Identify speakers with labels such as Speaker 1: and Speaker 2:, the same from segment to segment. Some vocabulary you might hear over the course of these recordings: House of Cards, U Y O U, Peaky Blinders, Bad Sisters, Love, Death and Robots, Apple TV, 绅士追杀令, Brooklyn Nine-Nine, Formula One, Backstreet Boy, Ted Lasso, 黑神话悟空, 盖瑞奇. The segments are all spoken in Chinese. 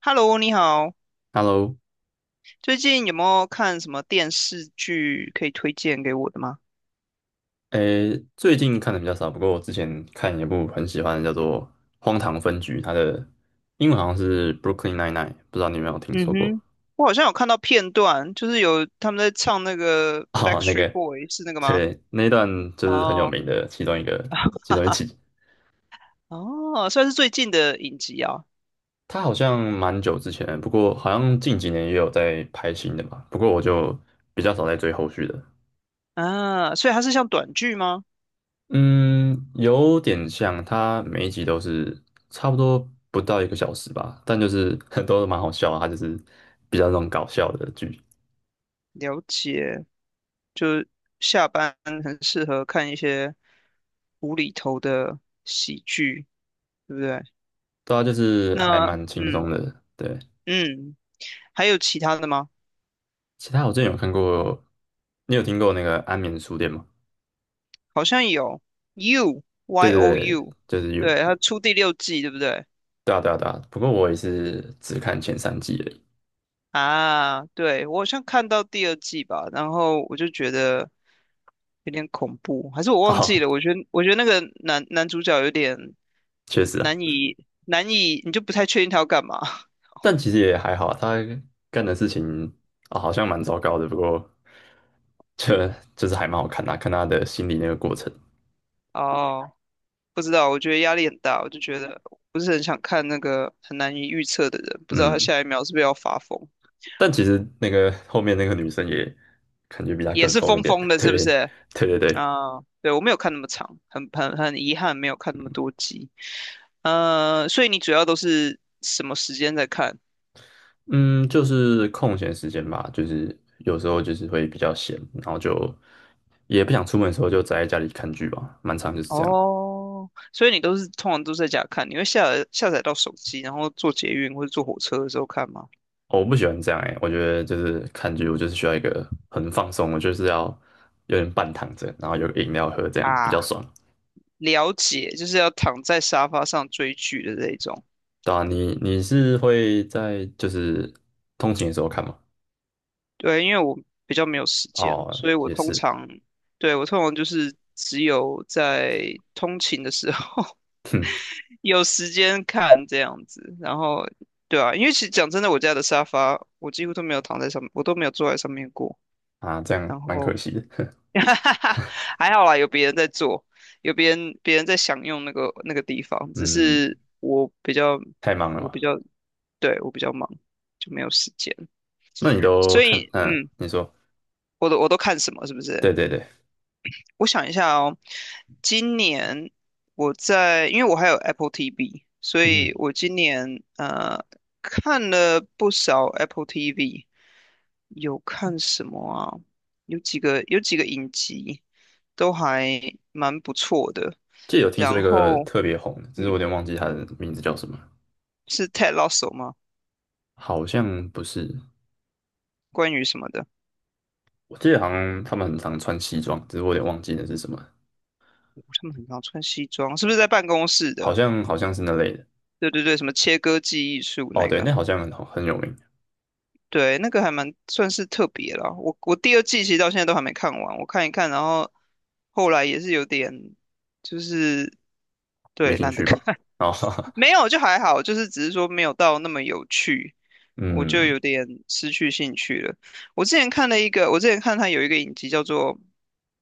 Speaker 1: Hello，你好，
Speaker 2: Hello，
Speaker 1: 最近有没有看什么电视剧可以推荐给我的吗？
Speaker 2: 诶，最近看的比较少，不过我之前看一部很喜欢的，叫做《荒唐分局》，它的英文好像是《Brooklyn Nine-Nine》，不知道你有没有听
Speaker 1: 嗯
Speaker 2: 说过？
Speaker 1: 哼，我好像有看到片段，就是有他们在唱那个
Speaker 2: 哦，那
Speaker 1: 《Backstreet
Speaker 2: 个，
Speaker 1: Boy》，是那个吗？
Speaker 2: 对，那一段就是很有
Speaker 1: 哦，
Speaker 2: 名的其中一个，其
Speaker 1: 哈
Speaker 2: 中一
Speaker 1: 哈，
Speaker 2: 集。
Speaker 1: 哦，算是最近的影集啊。
Speaker 2: 它好像蛮久之前，不过好像近几年也有在拍新的吧，不过我就比较少在追后续的。
Speaker 1: 啊，所以它是像短剧吗？
Speaker 2: 嗯，有点像，它每一集都是差不多不到一个小时吧，但就是很多 都蛮好笑啊，它就是比较那种搞笑的剧，
Speaker 1: 了解，就下班很适合看一些无厘头的喜剧，对不对？
Speaker 2: 对啊，就是还
Speaker 1: 那，
Speaker 2: 蛮轻松
Speaker 1: 嗯
Speaker 2: 的。对，
Speaker 1: 嗯，还有其他的吗？
Speaker 2: 其他我之前有看过，你有听过那个《安眠书店》吗？
Speaker 1: 好像有 U
Speaker 2: 对
Speaker 1: Y
Speaker 2: 对
Speaker 1: O
Speaker 2: 对，
Speaker 1: U，
Speaker 2: 就是有，
Speaker 1: 对，他出第六季，对不对？
Speaker 2: 对啊对啊对啊。不过我也是只看前三季而已。
Speaker 1: 啊，对，我好像看到第二季吧，然后我就觉得有点恐怖，还是我 忘记
Speaker 2: 哦，
Speaker 1: 了？我觉得那个男主角有点
Speaker 2: 确实啊。
Speaker 1: 难以难以，你就不太确定他要干嘛。
Speaker 2: 但其实也还好，他干的事情啊、好像蛮糟糕的，不过这就是还蛮好看的啊看他的心理那个过程。
Speaker 1: 哦，不知道，我觉得压力很大，我就觉得不是很想看那个很难以预测的人，不知道他
Speaker 2: 嗯，
Speaker 1: 下一秒是不是要发疯，
Speaker 2: 但其实那个后面那个女生也感觉比他
Speaker 1: 也
Speaker 2: 更
Speaker 1: 是
Speaker 2: 疯一
Speaker 1: 疯
Speaker 2: 点。
Speaker 1: 疯 的，是不
Speaker 2: 对，
Speaker 1: 是？
Speaker 2: 对对对，
Speaker 1: 啊，对，我没有看那么长，很遗憾没有看那么多集。所以你主要都是什么时间在看？
Speaker 2: 嗯，就是空闲时间吧，就是有时候就是会比较闲，然后就也不想出门的时候就宅在家里看剧吧，蛮长就是这样。
Speaker 1: 哦，所以你都是通常都在家看，你会下载到手机，然后坐捷运或者坐火车的时候看吗？
Speaker 2: 哦我不喜欢这样哎、我觉得就是看剧，我就是需要一个很放松，我就是要有点半躺着，然后有个饮料喝，这样比较
Speaker 1: 啊，
Speaker 2: 爽。
Speaker 1: 了解，就是要躺在沙发上追剧的这一种。
Speaker 2: 对啊，你是会在就是通勤的时候看吗？
Speaker 1: 对，因为我比较没有时间，
Speaker 2: 哦，
Speaker 1: 所以我
Speaker 2: 也
Speaker 1: 通
Speaker 2: 是，
Speaker 1: 常，对，我通常就是只有在通勤的时候，
Speaker 2: 哼
Speaker 1: 有时间看这样子。然后对啊，因为其实讲真的，我家的沙发我几乎都没有躺在上面，我都没有坐在上面过。
Speaker 2: 啊，这样
Speaker 1: 然
Speaker 2: 蛮
Speaker 1: 后
Speaker 2: 可惜的。
Speaker 1: 还好啦，有别人在坐，有别人在享用那个地方，只
Speaker 2: 嗯，
Speaker 1: 是我比较
Speaker 2: 太忙了
Speaker 1: 我
Speaker 2: 嘛。
Speaker 1: 比较对我比较忙，就没有时间。
Speaker 2: 那你都
Speaker 1: 所
Speaker 2: 看？
Speaker 1: 以
Speaker 2: 嗯，
Speaker 1: 嗯，
Speaker 2: 你说，
Speaker 1: 我都看什么是不是？
Speaker 2: 对对对，
Speaker 1: 我想一下哦，今年我在，因为我还有 Apple TV，所以
Speaker 2: 嗯，
Speaker 1: 我今年看了不少 Apple TV，有看什么啊？有几个影集都还蛮不错的。
Speaker 2: 记得有听说一
Speaker 1: 然
Speaker 2: 个
Speaker 1: 后，
Speaker 2: 特别红的，只是我有
Speaker 1: 嗯，
Speaker 2: 点忘记他的名字叫什么，
Speaker 1: 是 Ted Lasso 吗？
Speaker 2: 好像不是，
Speaker 1: 关于什么的？
Speaker 2: 我记得好像他们很常穿西装，只是我有点忘记那是什么。
Speaker 1: 他们很常穿西装，是不是在办公室
Speaker 2: 好
Speaker 1: 的？
Speaker 2: 像好像是那类的。
Speaker 1: 对对对，什么切割记忆术
Speaker 2: 哦，
Speaker 1: 那
Speaker 2: 对，
Speaker 1: 个？
Speaker 2: 那好像很有名，
Speaker 1: 对，那个还蛮算是特别啦。我第二季其实到现在都还没看完，我看一看，然后后来也是有点，就是
Speaker 2: 没
Speaker 1: 对
Speaker 2: 兴
Speaker 1: 懒得
Speaker 2: 趣
Speaker 1: 看。
Speaker 2: 吧？然后，
Speaker 1: 没有就还好，就是只是说没有到那么有趣，我就
Speaker 2: 嗯，
Speaker 1: 有点失去兴趣了。我之前看了一个，我之前看它有一个影集叫做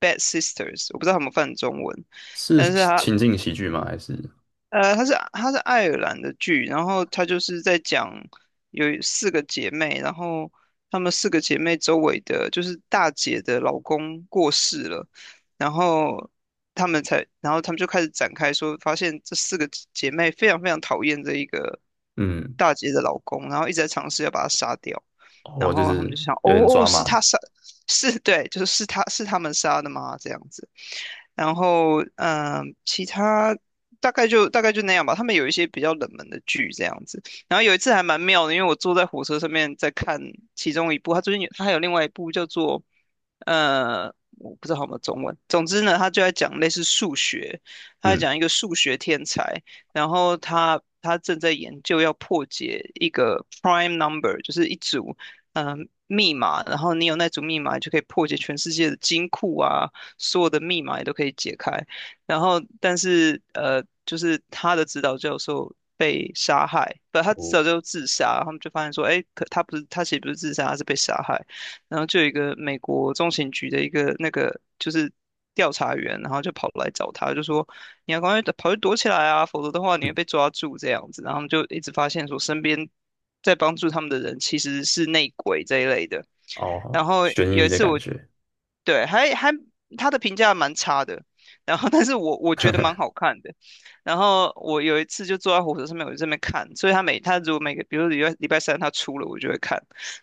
Speaker 1: 《Bad Sisters》，我不知道他们翻中文，
Speaker 2: 是
Speaker 1: 但是它
Speaker 2: 情境喜剧吗？还是
Speaker 1: 它是爱尔兰的剧，然后它就是在讲有四个姐妹，然后她们四个姐妹周围的，就是大姐的老公过世了，然后她们才，然后她们就开始展开说，发现这四个姐妹非常讨厌这一个
Speaker 2: 嗯，
Speaker 1: 大姐的老公，然后一直在尝试要把她杀掉，然
Speaker 2: 哦，就
Speaker 1: 后她们
Speaker 2: 是
Speaker 1: 就想，哦
Speaker 2: 有点
Speaker 1: 哦，
Speaker 2: 抓
Speaker 1: 是
Speaker 2: 马
Speaker 1: 她
Speaker 2: 的
Speaker 1: 杀，是对，就是是她们杀的吗？这样子。然后，嗯、其他大概就那样吧。他们有一些比较冷门的剧这样子。然后有一次还蛮妙的，因为我坐在火车上面在看其中一部，他最近有他还有另外一部叫做呃，我不知道有没有中文。总之呢，他就在讲类似数学，他在
Speaker 2: 嗯，
Speaker 1: 讲一个数学天才，然后他正在研究要破解一个 prime number，就是一组嗯。呃密码，然后你有那组密码，你就可以破解全世界的金库啊，所有的密码也都可以解开。然后但是就是他的指导教授被杀害，不，他
Speaker 2: 哦，
Speaker 1: 指导教授自杀，他们就发现说，哎，可他不是他其实不是自杀，他是被杀害。然后就有一个美国中情局的一个那个就是调查员，然后就跑来找他，就说你要赶快跑去躲起来啊，否则的话你
Speaker 2: 嗯
Speaker 1: 会被抓住这样子。然后他们就一直发现说，身边在帮助他们的人其实是内鬼这一类的。
Speaker 2: 哦，
Speaker 1: 然后
Speaker 2: 悬
Speaker 1: 有
Speaker 2: 疑
Speaker 1: 一
Speaker 2: 的
Speaker 1: 次，
Speaker 2: 感
Speaker 1: 我
Speaker 2: 觉，
Speaker 1: 对，他的评价蛮差的，然后但是我觉得蛮好看的。然后我有一次就坐在火车上面，我就在那边看，所以他每他如果每个，比如说礼拜三他出了，我就会看。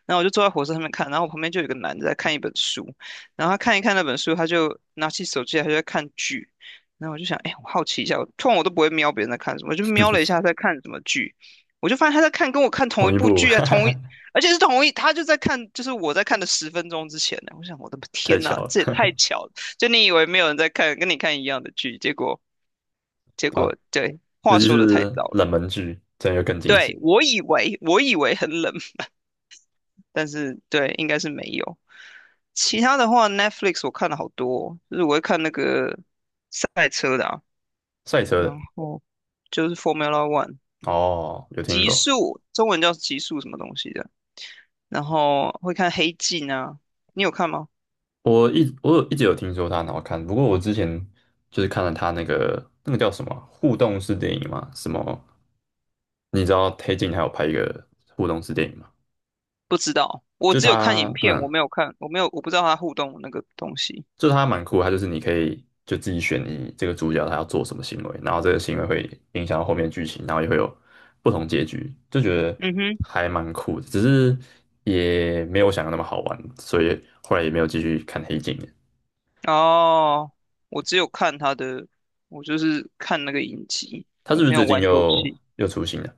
Speaker 1: 然后我就坐在火车上面看，然后我旁边就有一个男的在看一本书，然后他看一看那本书，他就拿起手机来他就在看剧。然后我就想，哎，我好奇一下，我通常我都不会瞄别人在看什么，我就瞄了一下他在看什么剧，我就发现他在看跟我看同
Speaker 2: 同
Speaker 1: 一
Speaker 2: 一
Speaker 1: 部
Speaker 2: 部，
Speaker 1: 剧啊，
Speaker 2: 哈
Speaker 1: 同一。
Speaker 2: 哈
Speaker 1: 而且是同一，他就在看，就是我在看的十分钟之前呢。我想，我的
Speaker 2: 太
Speaker 1: 天呐，
Speaker 2: 巧
Speaker 1: 这也太
Speaker 2: 了，
Speaker 1: 巧了！就你以为没有人在看，跟你看一样的剧，结果
Speaker 2: 啊，
Speaker 1: 对，
Speaker 2: 尤
Speaker 1: 话
Speaker 2: 其
Speaker 1: 说的太
Speaker 2: 是
Speaker 1: 早
Speaker 2: 冷
Speaker 1: 了。
Speaker 2: 门剧，这样又更惊
Speaker 1: 对，
Speaker 2: 喜。
Speaker 1: 我以为很冷，但是对，应该是没有。其他的话，Netflix 我看了好多哦就是我会看那个赛车的啊，
Speaker 2: 赛车
Speaker 1: 然
Speaker 2: 的，
Speaker 1: 后就是 Formula One
Speaker 2: 哦，有听
Speaker 1: 极
Speaker 2: 过，
Speaker 1: 速，中文叫极速什么东西的，然后会看黑镜啊，你有看吗？
Speaker 2: 我有一直有听说它很好看，不过我之前就是看了它那个叫什么互动式电影嘛，什么你知道黑镜还有拍一个互动式电影吗？
Speaker 1: 不知道，我
Speaker 2: 就
Speaker 1: 只有看影
Speaker 2: 它，
Speaker 1: 片，
Speaker 2: 嗯，
Speaker 1: 我没有看，我没有，我不知道他互动的那个东西。
Speaker 2: 就它蛮酷的，它就是你可以就自己选你这个主角他要做什么行为，然后这个行为会影响到后面的剧情，然后也会有不同结局，就觉得
Speaker 1: 嗯哼，
Speaker 2: 还蛮酷的，只是也没有我想的那么好玩，所以后来也没有继续看黑镜了。
Speaker 1: 哦，我只有看他的，我就是看那个影集，
Speaker 2: 它
Speaker 1: 我
Speaker 2: 是不是
Speaker 1: 没有
Speaker 2: 最近
Speaker 1: 玩游
Speaker 2: 又
Speaker 1: 戏。
Speaker 2: 又出新了？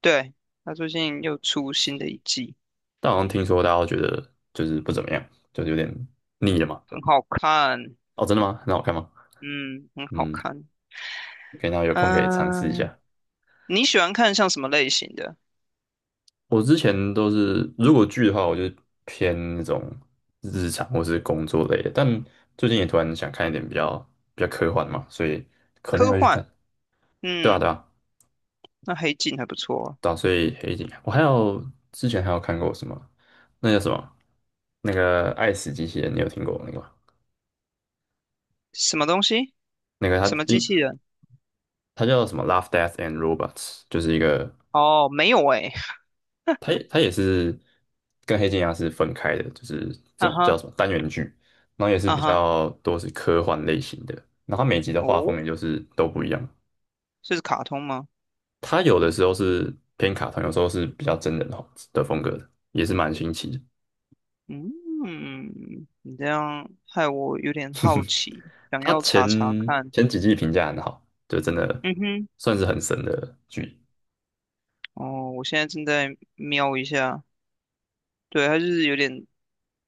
Speaker 1: 对，他最近又出新的一季，
Speaker 2: 但好像听说大家都觉得就是不怎么样，就是有点腻了嘛。
Speaker 1: 很好看。
Speaker 2: 哦，真的吗？很好看吗？
Speaker 1: 嗯，很好
Speaker 2: 嗯，
Speaker 1: 看。
Speaker 2: 可以，那有空可以尝试一
Speaker 1: 嗯、
Speaker 2: 下。
Speaker 1: 你喜欢看像什么类型的？
Speaker 2: 我之前都是，如果剧的话，我就偏那种日常或是工作类的。但最近也突然想看一点比较科幻嘛，所以可能也
Speaker 1: 科
Speaker 2: 会去看。
Speaker 1: 幻，
Speaker 2: 对啊，
Speaker 1: 嗯，
Speaker 2: 对啊，
Speaker 1: 那黑镜还不错啊
Speaker 2: 对啊。所以黑镜啊，我还有之前还有看过什么，那叫什么？那个《爱死机器人》，你有听过那个吗？
Speaker 1: 什么东西？
Speaker 2: 那个
Speaker 1: 什
Speaker 2: 它
Speaker 1: 么机
Speaker 2: 英
Speaker 1: 器人？
Speaker 2: 它叫什么《Love, Death and Robots》，就是一个
Speaker 1: 哦，没有诶、
Speaker 2: 它也是跟黑镜一样是分开的，就是 这
Speaker 1: 啊
Speaker 2: 种叫
Speaker 1: 哈，
Speaker 2: 什么单元剧，然后也是
Speaker 1: 啊
Speaker 2: 比
Speaker 1: 哈，
Speaker 2: 较多是科幻类型的，然后它每集的画风也
Speaker 1: 哦，
Speaker 2: 就是都不一样，
Speaker 1: 这是卡通吗？
Speaker 2: 它有的时候是偏卡通，有时候是比较真人化的风格的，也是蛮新奇的。
Speaker 1: 嗯，你这样害我有点好奇，想
Speaker 2: 它
Speaker 1: 要
Speaker 2: 前
Speaker 1: 查查看。
Speaker 2: 前几季评价很好，就真的
Speaker 1: 嗯哼，
Speaker 2: 算是很神的剧，
Speaker 1: 哦，我现在正在瞄一下，对，它就是有点，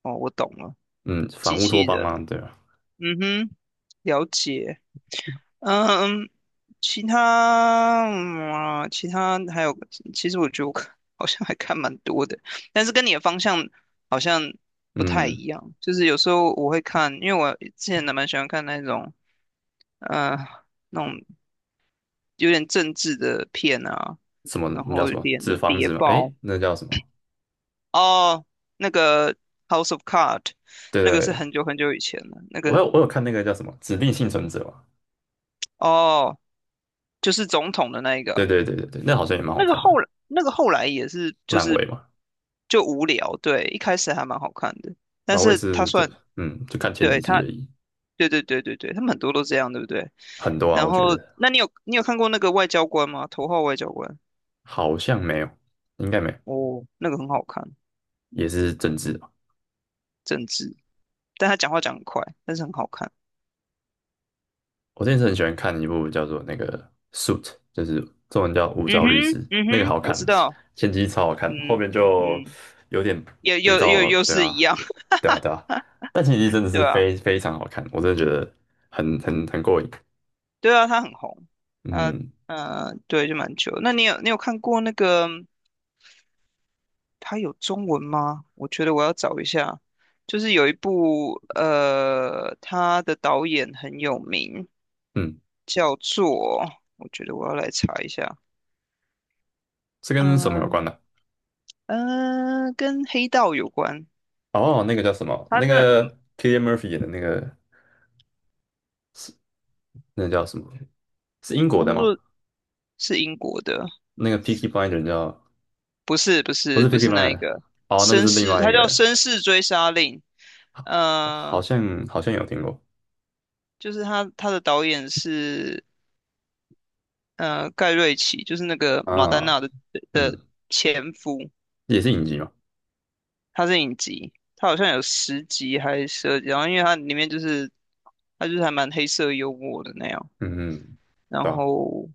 Speaker 1: 哦，我懂了，
Speaker 2: 嗯，反
Speaker 1: 机
Speaker 2: 乌托
Speaker 1: 器
Speaker 2: 邦
Speaker 1: 人。
Speaker 2: 啊，对吧？
Speaker 1: 嗯哼，了解。嗯，其他，嗯啊，其他还有，其实我觉得我看 好像还看蛮多的，但是跟你的方向好像不太
Speaker 2: 嗯，
Speaker 1: 一样。就是有时候我会看，因为我之前还蛮喜欢看那种，呃。那种有点政治的片啊，
Speaker 2: 什么
Speaker 1: 然
Speaker 2: 那叫
Speaker 1: 后
Speaker 2: 什
Speaker 1: 有
Speaker 2: 么
Speaker 1: 点
Speaker 2: 纸房
Speaker 1: 谍
Speaker 2: 子嘛？
Speaker 1: 报
Speaker 2: 诶，那叫什么？
Speaker 1: 哦，那个 House of Cards，
Speaker 2: 对
Speaker 1: 那
Speaker 2: 对
Speaker 1: 个是
Speaker 2: 对，
Speaker 1: 很久以前的，那
Speaker 2: 我
Speaker 1: 个
Speaker 2: 有我有看那个叫什么《指定幸存者》嘛，
Speaker 1: 哦，就是总统的那一
Speaker 2: 对
Speaker 1: 个，
Speaker 2: 对对对对，那好像也蛮好
Speaker 1: 那个
Speaker 2: 看的，
Speaker 1: 后来那个后来也是就
Speaker 2: 烂
Speaker 1: 是
Speaker 2: 尾嘛，
Speaker 1: 就无聊，对，一开始还蛮好看的，但
Speaker 2: 老尾
Speaker 1: 是他
Speaker 2: 是就
Speaker 1: 算
Speaker 2: 嗯，就看前几
Speaker 1: 对
Speaker 2: 集
Speaker 1: 他，
Speaker 2: 而已，
Speaker 1: 对，他们很多都这样，对不对？
Speaker 2: 很多啊，
Speaker 1: 然
Speaker 2: 我觉
Speaker 1: 后，
Speaker 2: 得
Speaker 1: 那你有你看过那个外交官吗？头号外交官，
Speaker 2: 好像没有，应该没有，
Speaker 1: 哦，那个很好看，
Speaker 2: 也是政治吧。
Speaker 1: 政治，但他讲话讲很快，但是很好看。
Speaker 2: 我之前是很喜欢看一部叫做那个《Suit》，就是中文叫《无
Speaker 1: 嗯
Speaker 2: 照律师》，
Speaker 1: 哼，嗯
Speaker 2: 那个
Speaker 1: 哼，
Speaker 2: 好
Speaker 1: 我
Speaker 2: 看，
Speaker 1: 知道，
Speaker 2: 前几季超好看，后
Speaker 1: 嗯
Speaker 2: 面就
Speaker 1: 嗯，
Speaker 2: 有点
Speaker 1: 又
Speaker 2: 肥
Speaker 1: 又又
Speaker 2: 皂，
Speaker 1: 又
Speaker 2: 对
Speaker 1: 是一
Speaker 2: 啊，
Speaker 1: 样，
Speaker 2: 对啊，对啊，但前几季真的 是
Speaker 1: 对啊，
Speaker 2: 非常好看，我真的觉得很过瘾，
Speaker 1: 对啊，他很红，啊
Speaker 2: 嗯
Speaker 1: 对，就蛮久那你有你看过那个他有中文吗？我觉得我要找一下，就是有一部他的导演很有名，
Speaker 2: 嗯，
Speaker 1: 叫做我觉得我要来查一下，
Speaker 2: 是跟什么有关
Speaker 1: 嗯、
Speaker 2: 呢、
Speaker 1: 呃、跟黑道有关，
Speaker 2: 哦，那个叫什么？
Speaker 1: 他
Speaker 2: 那
Speaker 1: 的
Speaker 2: 个 Kilia Murphy 演的那个是那叫什么？是英国
Speaker 1: 他
Speaker 2: 的
Speaker 1: 叫
Speaker 2: 吗？
Speaker 1: 做是英国的，
Speaker 2: 那个 p i c k y Blinder 叫
Speaker 1: 不是不
Speaker 2: 不
Speaker 1: 是
Speaker 2: 是 p
Speaker 1: 不
Speaker 2: i c
Speaker 1: 是
Speaker 2: k y
Speaker 1: 那一
Speaker 2: Blinder
Speaker 1: 个
Speaker 2: 哦，那就
Speaker 1: 绅
Speaker 2: 是另
Speaker 1: 士，
Speaker 2: 外一
Speaker 1: 他叫
Speaker 2: 个，
Speaker 1: 《绅士追杀令》。
Speaker 2: 哦好
Speaker 1: 呃，
Speaker 2: 像好像有听过
Speaker 1: 就是他的导演是盖瑞奇，就是那个马丹
Speaker 2: 啊，
Speaker 1: 娜的的
Speaker 2: 嗯，
Speaker 1: 前夫，
Speaker 2: 也是影集嘛，
Speaker 1: 他是影集，他好像有十集还是十二集，然后因为他里面就是他就是还蛮黑色幽默的那样，
Speaker 2: 嗯嗯，
Speaker 1: 然
Speaker 2: 对吧？
Speaker 1: 后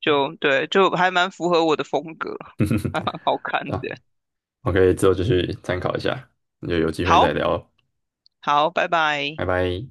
Speaker 1: 就对就还蛮符合我的风格，还蛮好看
Speaker 2: 啊，
Speaker 1: 的。
Speaker 2: 我可以之后就去参考一下，那就有机会再
Speaker 1: 好，
Speaker 2: 聊哦，
Speaker 1: 好，拜拜。
Speaker 2: 拜拜。